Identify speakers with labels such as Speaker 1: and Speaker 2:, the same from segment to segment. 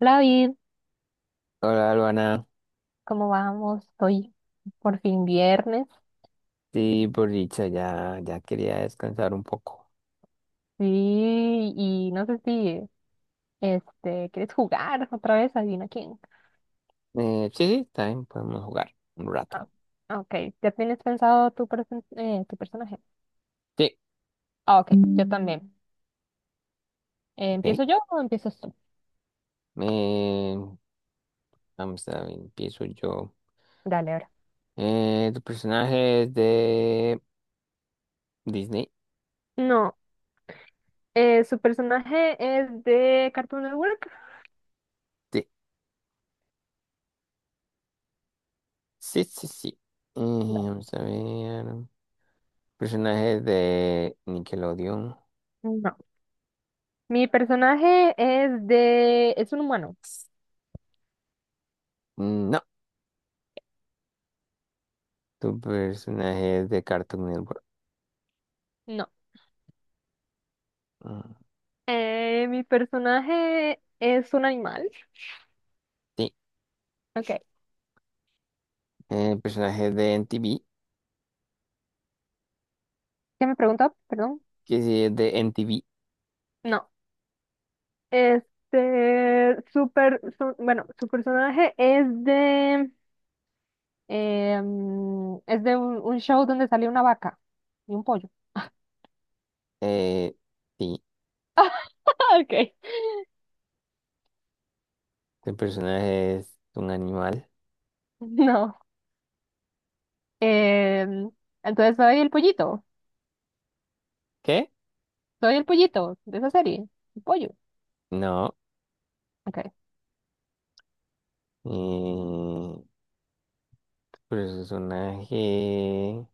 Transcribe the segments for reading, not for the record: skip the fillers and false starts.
Speaker 1: Hola, David,
Speaker 2: Hola, Luana.
Speaker 1: ¿cómo vamos? Hoy por fin viernes.
Speaker 2: Sí, por dicha, ya quería descansar un poco.
Speaker 1: Sí, y no sé si quieres jugar otra vez, adivina quién.
Speaker 2: Sí, sí, también podemos jugar un rato.
Speaker 1: Ah, ok, ¿ya tienes pensado tu personaje?
Speaker 2: Sí,
Speaker 1: Ah, ok, yo también. Eh,
Speaker 2: ok.
Speaker 1: ¿empiezo yo o empiezas tú?
Speaker 2: Eh, Vamos a ver, empiezo yo.
Speaker 1: Dale, ahora.
Speaker 2: ¿Tu personaje es de Disney?
Speaker 1: No, su personaje es de Cartoon Network.
Speaker 2: Sí, sí, sí, sí.
Speaker 1: Dale.
Speaker 2: Vamos a ver. ¿Personaje es de Nickelodeon?
Speaker 1: No. Mi personaje es de. ¿Es un humano?
Speaker 2: Mm, no. ¿Tu personaje es de Cartoon Network?
Speaker 1: No.
Speaker 2: Mm,
Speaker 1: Mi personaje es un animal.
Speaker 2: sí.
Speaker 1: Ok.
Speaker 2: ¿Personaje es de NTV?
Speaker 1: ¿Qué me preguntó? Perdón.
Speaker 2: Que sí, es de NTV.
Speaker 1: No, super, bueno, su personaje es de un show donde salió una vaca y un pollo.
Speaker 2: Eh, sí.
Speaker 1: Ok.
Speaker 2: ¿Tu personaje es un animal?
Speaker 1: No, em, entonces
Speaker 2: ¿Qué?
Speaker 1: soy el pollito de esa serie, el pollo.
Speaker 2: No.
Speaker 1: Ok,
Speaker 2: Eh, ¿Tu personaje,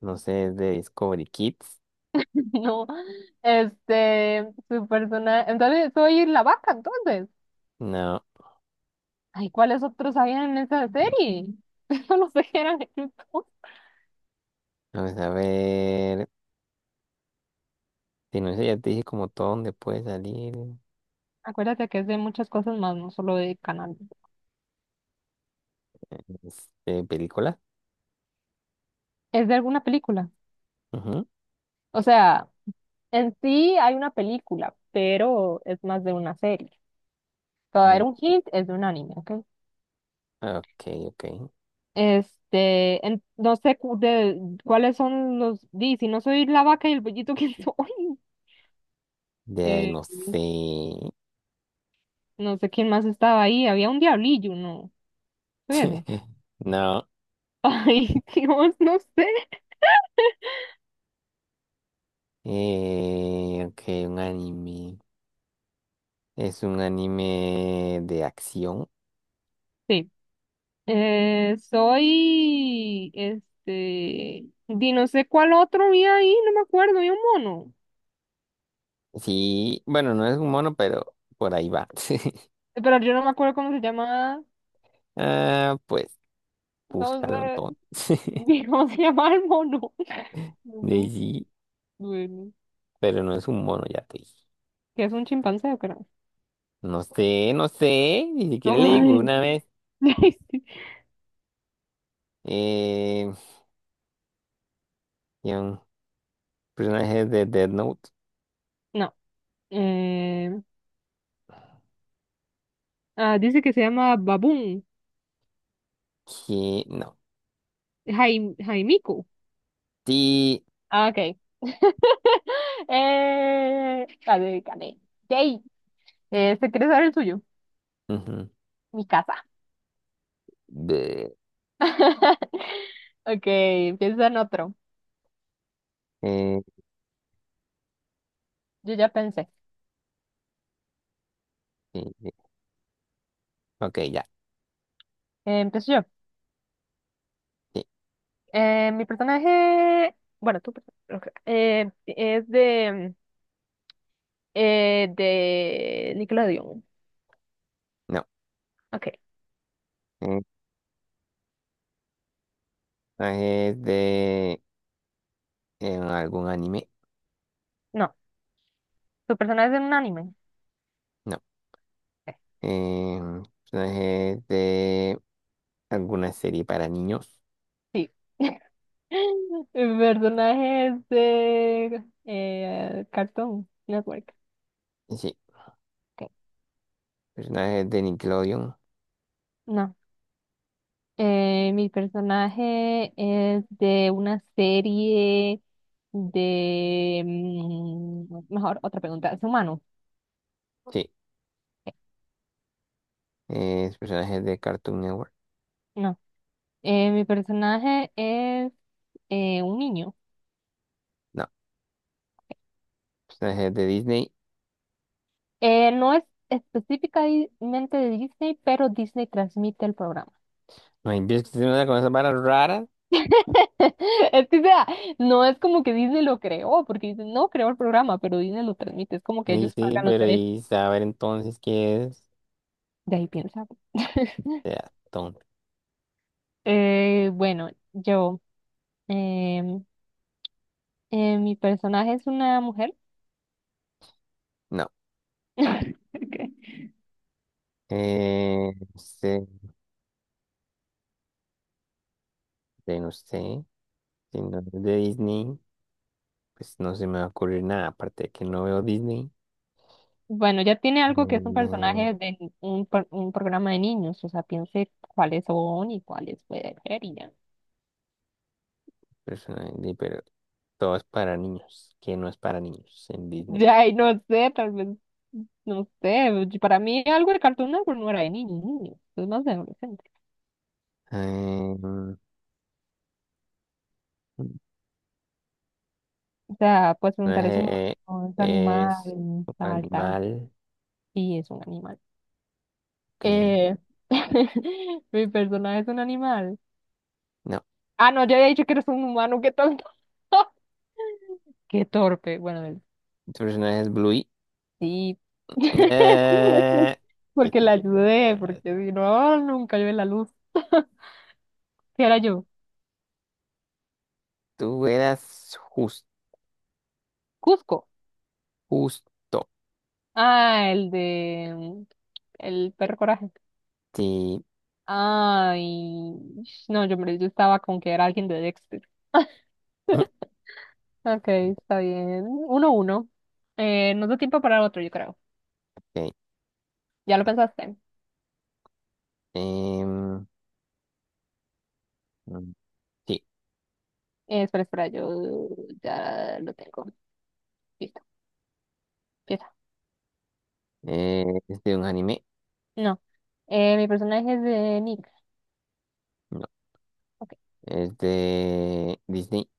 Speaker 2: no sé, es de Discovery Kids?
Speaker 1: no, su personaje, entonces soy la vaca, entonces.
Speaker 2: No.
Speaker 1: Ay, ¿cuáles otros habían en esa serie? No sé qué eran.
Speaker 2: Vamos a ver. Si no sé, ya te dije como todo donde puede salir.
Speaker 1: Acuérdate que es de muchas cosas más, no solo de canal.
Speaker 2: Este, película.
Speaker 1: Es de alguna película.
Speaker 2: Ujú.
Speaker 1: O sea, en sí hay una película, pero es más de una serie. Te voy a dar un hint, es de un anime, ¿ok?
Speaker 2: Ah, ok, ok.
Speaker 1: No sé cu- de, cuáles son los. Di, si no soy la vaca y el pollito, ¿quién soy?
Speaker 2: De ahí
Speaker 1: Eh,
Speaker 2: no sé.
Speaker 1: no sé quién más estaba ahí. Había un diablillo, ¿no? Soy así.
Speaker 2: No.
Speaker 1: Ay, Dios, no sé.
Speaker 2: Ok, un anime. ¿Es un anime de acción?
Speaker 1: Sí. Di, no sé cuál otro había ahí, no me acuerdo. Había un mono.
Speaker 2: Sí, bueno, no es un mono, pero por ahí va.
Speaker 1: Pero yo no me acuerdo cómo se llama.
Speaker 2: Ah, pues
Speaker 1: No
Speaker 2: búscalo
Speaker 1: sé,
Speaker 2: entonces.
Speaker 1: ni ¿cómo se llama el mono? No, no,
Speaker 2: Daisy,
Speaker 1: bueno.
Speaker 2: pero no es un mono, ya te dije.
Speaker 1: ¿Qué es un chimpancé o qué no?
Speaker 2: No sé, no sé, ni siquiera le digo
Speaker 1: Ay.
Speaker 2: una vez. Eh, Había un personaje de Dead Note
Speaker 1: No. Eh, dice que se llama Baboon.
Speaker 2: que no.
Speaker 1: Jaimico.
Speaker 2: Sí.
Speaker 1: Ah, ok. Gané, gané. Yay. ¿te quieres saber el suyo?
Speaker 2: Ujú,
Speaker 1: Mi casa.
Speaker 2: de-
Speaker 1: Ok, empieza en otro.
Speaker 2: eh,
Speaker 1: Yo ya pensé.
Speaker 2: sí, sí, ok, ya.
Speaker 1: Empiezo yo.
Speaker 2: Sí,
Speaker 1: Mi personaje. Bueno, tu personaje. Ok, es de. De Nickelodeon.
Speaker 2: no.
Speaker 1: Ok.
Speaker 2: Eh, Personajes de algún anime.
Speaker 1: No. ¿Tu personaje es en un anime?
Speaker 2: No.
Speaker 1: Ok,
Speaker 2: Eh, Personajes de ¿alguna serie para niños?
Speaker 1: sí. Mi personaje es de Cartoon Network.
Speaker 2: Sí.
Speaker 1: Ok.
Speaker 2: ¿Personajes de Nickelodeon?
Speaker 1: No. Mi personaje es de una serie. Mejor, otra pregunta. ¿Es humano?
Speaker 2: Sí.
Speaker 1: Ok,
Speaker 2: ¿Personajes de Cartoon Network?
Speaker 1: no. Mi personaje es un niño.
Speaker 2: No. ¿Personajes de Disney?
Speaker 1: No es específicamente de Disney, pero Disney transmite el programa.
Speaker 2: No empiezo a hacer una cosa para rara.
Speaker 1: Es que, o sea, no es como que Disney lo creó, porque Disney no creó el programa, pero Disney lo transmite. Es como que
Speaker 2: Sí,
Speaker 1: ellos
Speaker 2: sí,
Speaker 1: pagan los
Speaker 2: pero
Speaker 1: derechos.
Speaker 2: y saber entonces qué es.
Speaker 1: De ahí piensa.
Speaker 2: Ya, tonto.
Speaker 1: Bueno, em, mi personaje es una mujer.
Speaker 2: No.
Speaker 1: Ok.
Speaker 2: No sé, no sé. Si no es de Disney, pues no se me va a ocurrir nada, aparte de que no veo Disney.
Speaker 1: Bueno, ya tiene algo que es un
Speaker 2: Mm,
Speaker 1: personaje de un programa de niños, o sea, piense cuáles son y cuáles puede ser y ya.
Speaker 2: pero todo es para niños, que no es para niños en Disney.
Speaker 1: Ay, no sé, tal vez, no sé, para mí algo de Cartoon Network no era de niños, niños, es más de adolescente.
Speaker 2: Em,
Speaker 1: O sea, puedes
Speaker 2: No es,
Speaker 1: preguntar es humano, es
Speaker 2: es
Speaker 1: animal,
Speaker 2: un
Speaker 1: tal, tal,
Speaker 2: animal
Speaker 1: sí, es un animal.
Speaker 2: que...
Speaker 1: Eh, mi personaje es un animal.
Speaker 2: No,
Speaker 1: Ah, no, ya había dicho que eres un humano, qué tonto. Qué torpe, bueno,
Speaker 2: tu personaje es Bluey.
Speaker 1: sí.
Speaker 2: Eh, que
Speaker 1: Porque la
Speaker 2: sí, que
Speaker 1: ayudé,
Speaker 2: era-
Speaker 1: porque si no, nunca yo la luz. ¿Qué era yo?
Speaker 2: tú eras
Speaker 1: Cusco.
Speaker 2: justo.
Speaker 1: Ah, el de, el perro coraje.
Speaker 2: Sí.
Speaker 1: Ay, no, yo estaba con que era alguien de Dexter. Ok, está bien. Uno, uno. Nos da tiempo para otro, yo creo.
Speaker 2: Ok.
Speaker 1: ¿Ya lo pensaste?
Speaker 2: Em, mm, sí.
Speaker 1: Espera, espera, yo ya lo tengo. Listo, empieza.
Speaker 2: ¿Es de un anime?
Speaker 1: No. Mi personaje es de Nick.
Speaker 2: No.
Speaker 1: Ok,
Speaker 2: ¿Es de Disney?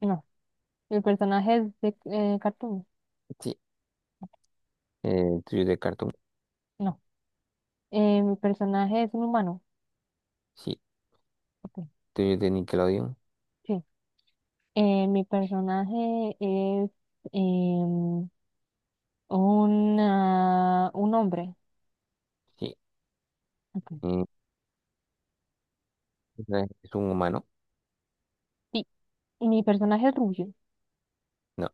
Speaker 1: no. Mi personaje es de Cartoon.
Speaker 2: Sí. ¿Tuyo es de Cartoon?
Speaker 1: No. Mi personaje es un humano.
Speaker 2: Sí.
Speaker 1: Ok,
Speaker 2: ¿Tuyo es de Nickelodeon?
Speaker 1: sí. Mi personaje es em, un hombre.
Speaker 2: Sí.
Speaker 1: Ok.
Speaker 2: Eh, ¿Es un humano?
Speaker 1: Sí, mi personaje es rubio.
Speaker 2: No.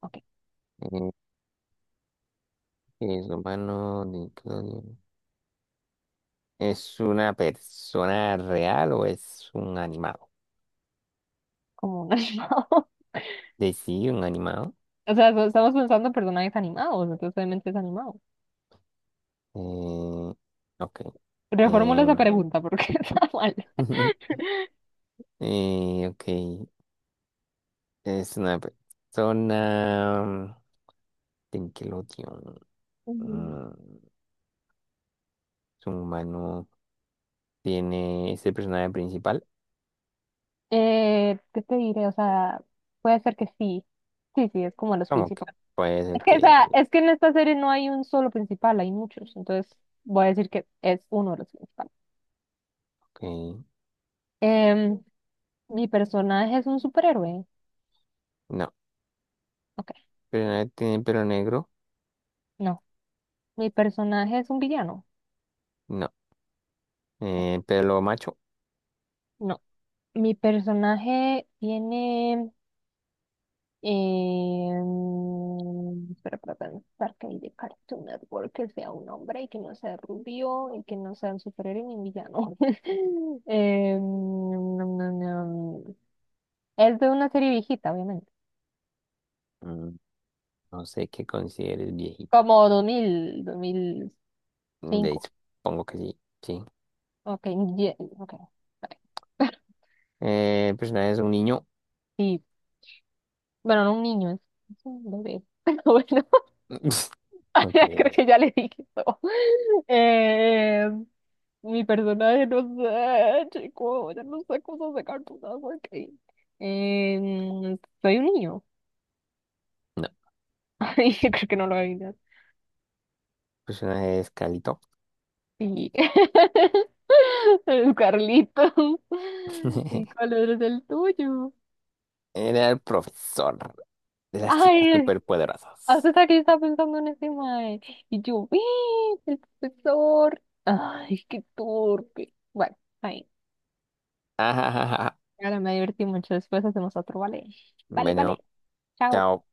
Speaker 1: Ok,
Speaker 2: Eh, ¿Es humano? Nickelodeon. ¿Es una persona real o es un animado?
Speaker 1: como un animado.
Speaker 2: De sí, un animado.
Speaker 1: O sea, estamos pensando en personajes animados, entonces obviamente es animado.
Speaker 2: Eh, ok.
Speaker 1: Reformula esa
Speaker 2: em,
Speaker 1: pregunta porque está mal.
Speaker 2: ok. Es una persona. Nickelodeon.
Speaker 1: Ujú.
Speaker 2: Mm, es un humano. Tiene ese personaje principal.
Speaker 1: ¿qué te diré? O sea, puede ser que sí. Sí, sí, es como los
Speaker 2: ¿Cómo que
Speaker 1: principales.
Speaker 2: puede ser
Speaker 1: Es que, o sea,
Speaker 2: que.
Speaker 1: es que en esta serie no hay un solo principal, hay muchos. Entonces voy a decir que es uno de los principales.
Speaker 2: Ok,
Speaker 1: Em, ¿Mi personaje es un superhéroe?
Speaker 2: no.
Speaker 1: Ok,
Speaker 2: ¿Pero tiene pelo negro?
Speaker 1: no. ¿Mi personaje es un villano?
Speaker 2: No. ¿Pelo macho?
Speaker 1: No. ¿Mi personaje tiene... mm, espera, para pensar que hay de Cartoon Network que sea un hombre y que no sea rubio y que no sea un superhéroe ni un villano. Nom, nom, nom. Es de una serie viejita, obviamente.
Speaker 2: Mm, no sé qué consideres viejita.
Speaker 1: Como 2000, 2005.
Speaker 2: De, supongo que sí. Sí.
Speaker 1: Ok, ok, está bien.
Speaker 2: El personaje es un niño.
Speaker 1: Sí, bueno, no un niño, es un bebé. Pero bueno,
Speaker 2: Ok,
Speaker 1: ya creo que ya le dije todo. Eh, Mi personaje, no sé, chico, ya no sé cómo sacar tu agua que. Soy un niño.
Speaker 2: no. El
Speaker 1: Ay, yo creo que no lo adivinas.
Speaker 2: personaje es Calito.
Speaker 1: Sí. El Carlitos. ¿Y cuál es el tuyo?
Speaker 2: Era el profesor de las chicas
Speaker 1: Ay,
Speaker 2: superpoderosas.
Speaker 1: hasta que yo estaba pensando en ese mae. Y yo, ¡eh! El profesor. Ay, qué torpe. Bueno, ahí.
Speaker 2: Ajajaja.
Speaker 1: Claro, me divertí mucho. Después hacemos otro, ¿vale? Vale,
Speaker 2: Bueno,
Speaker 1: vale. Chao.
Speaker 2: chao.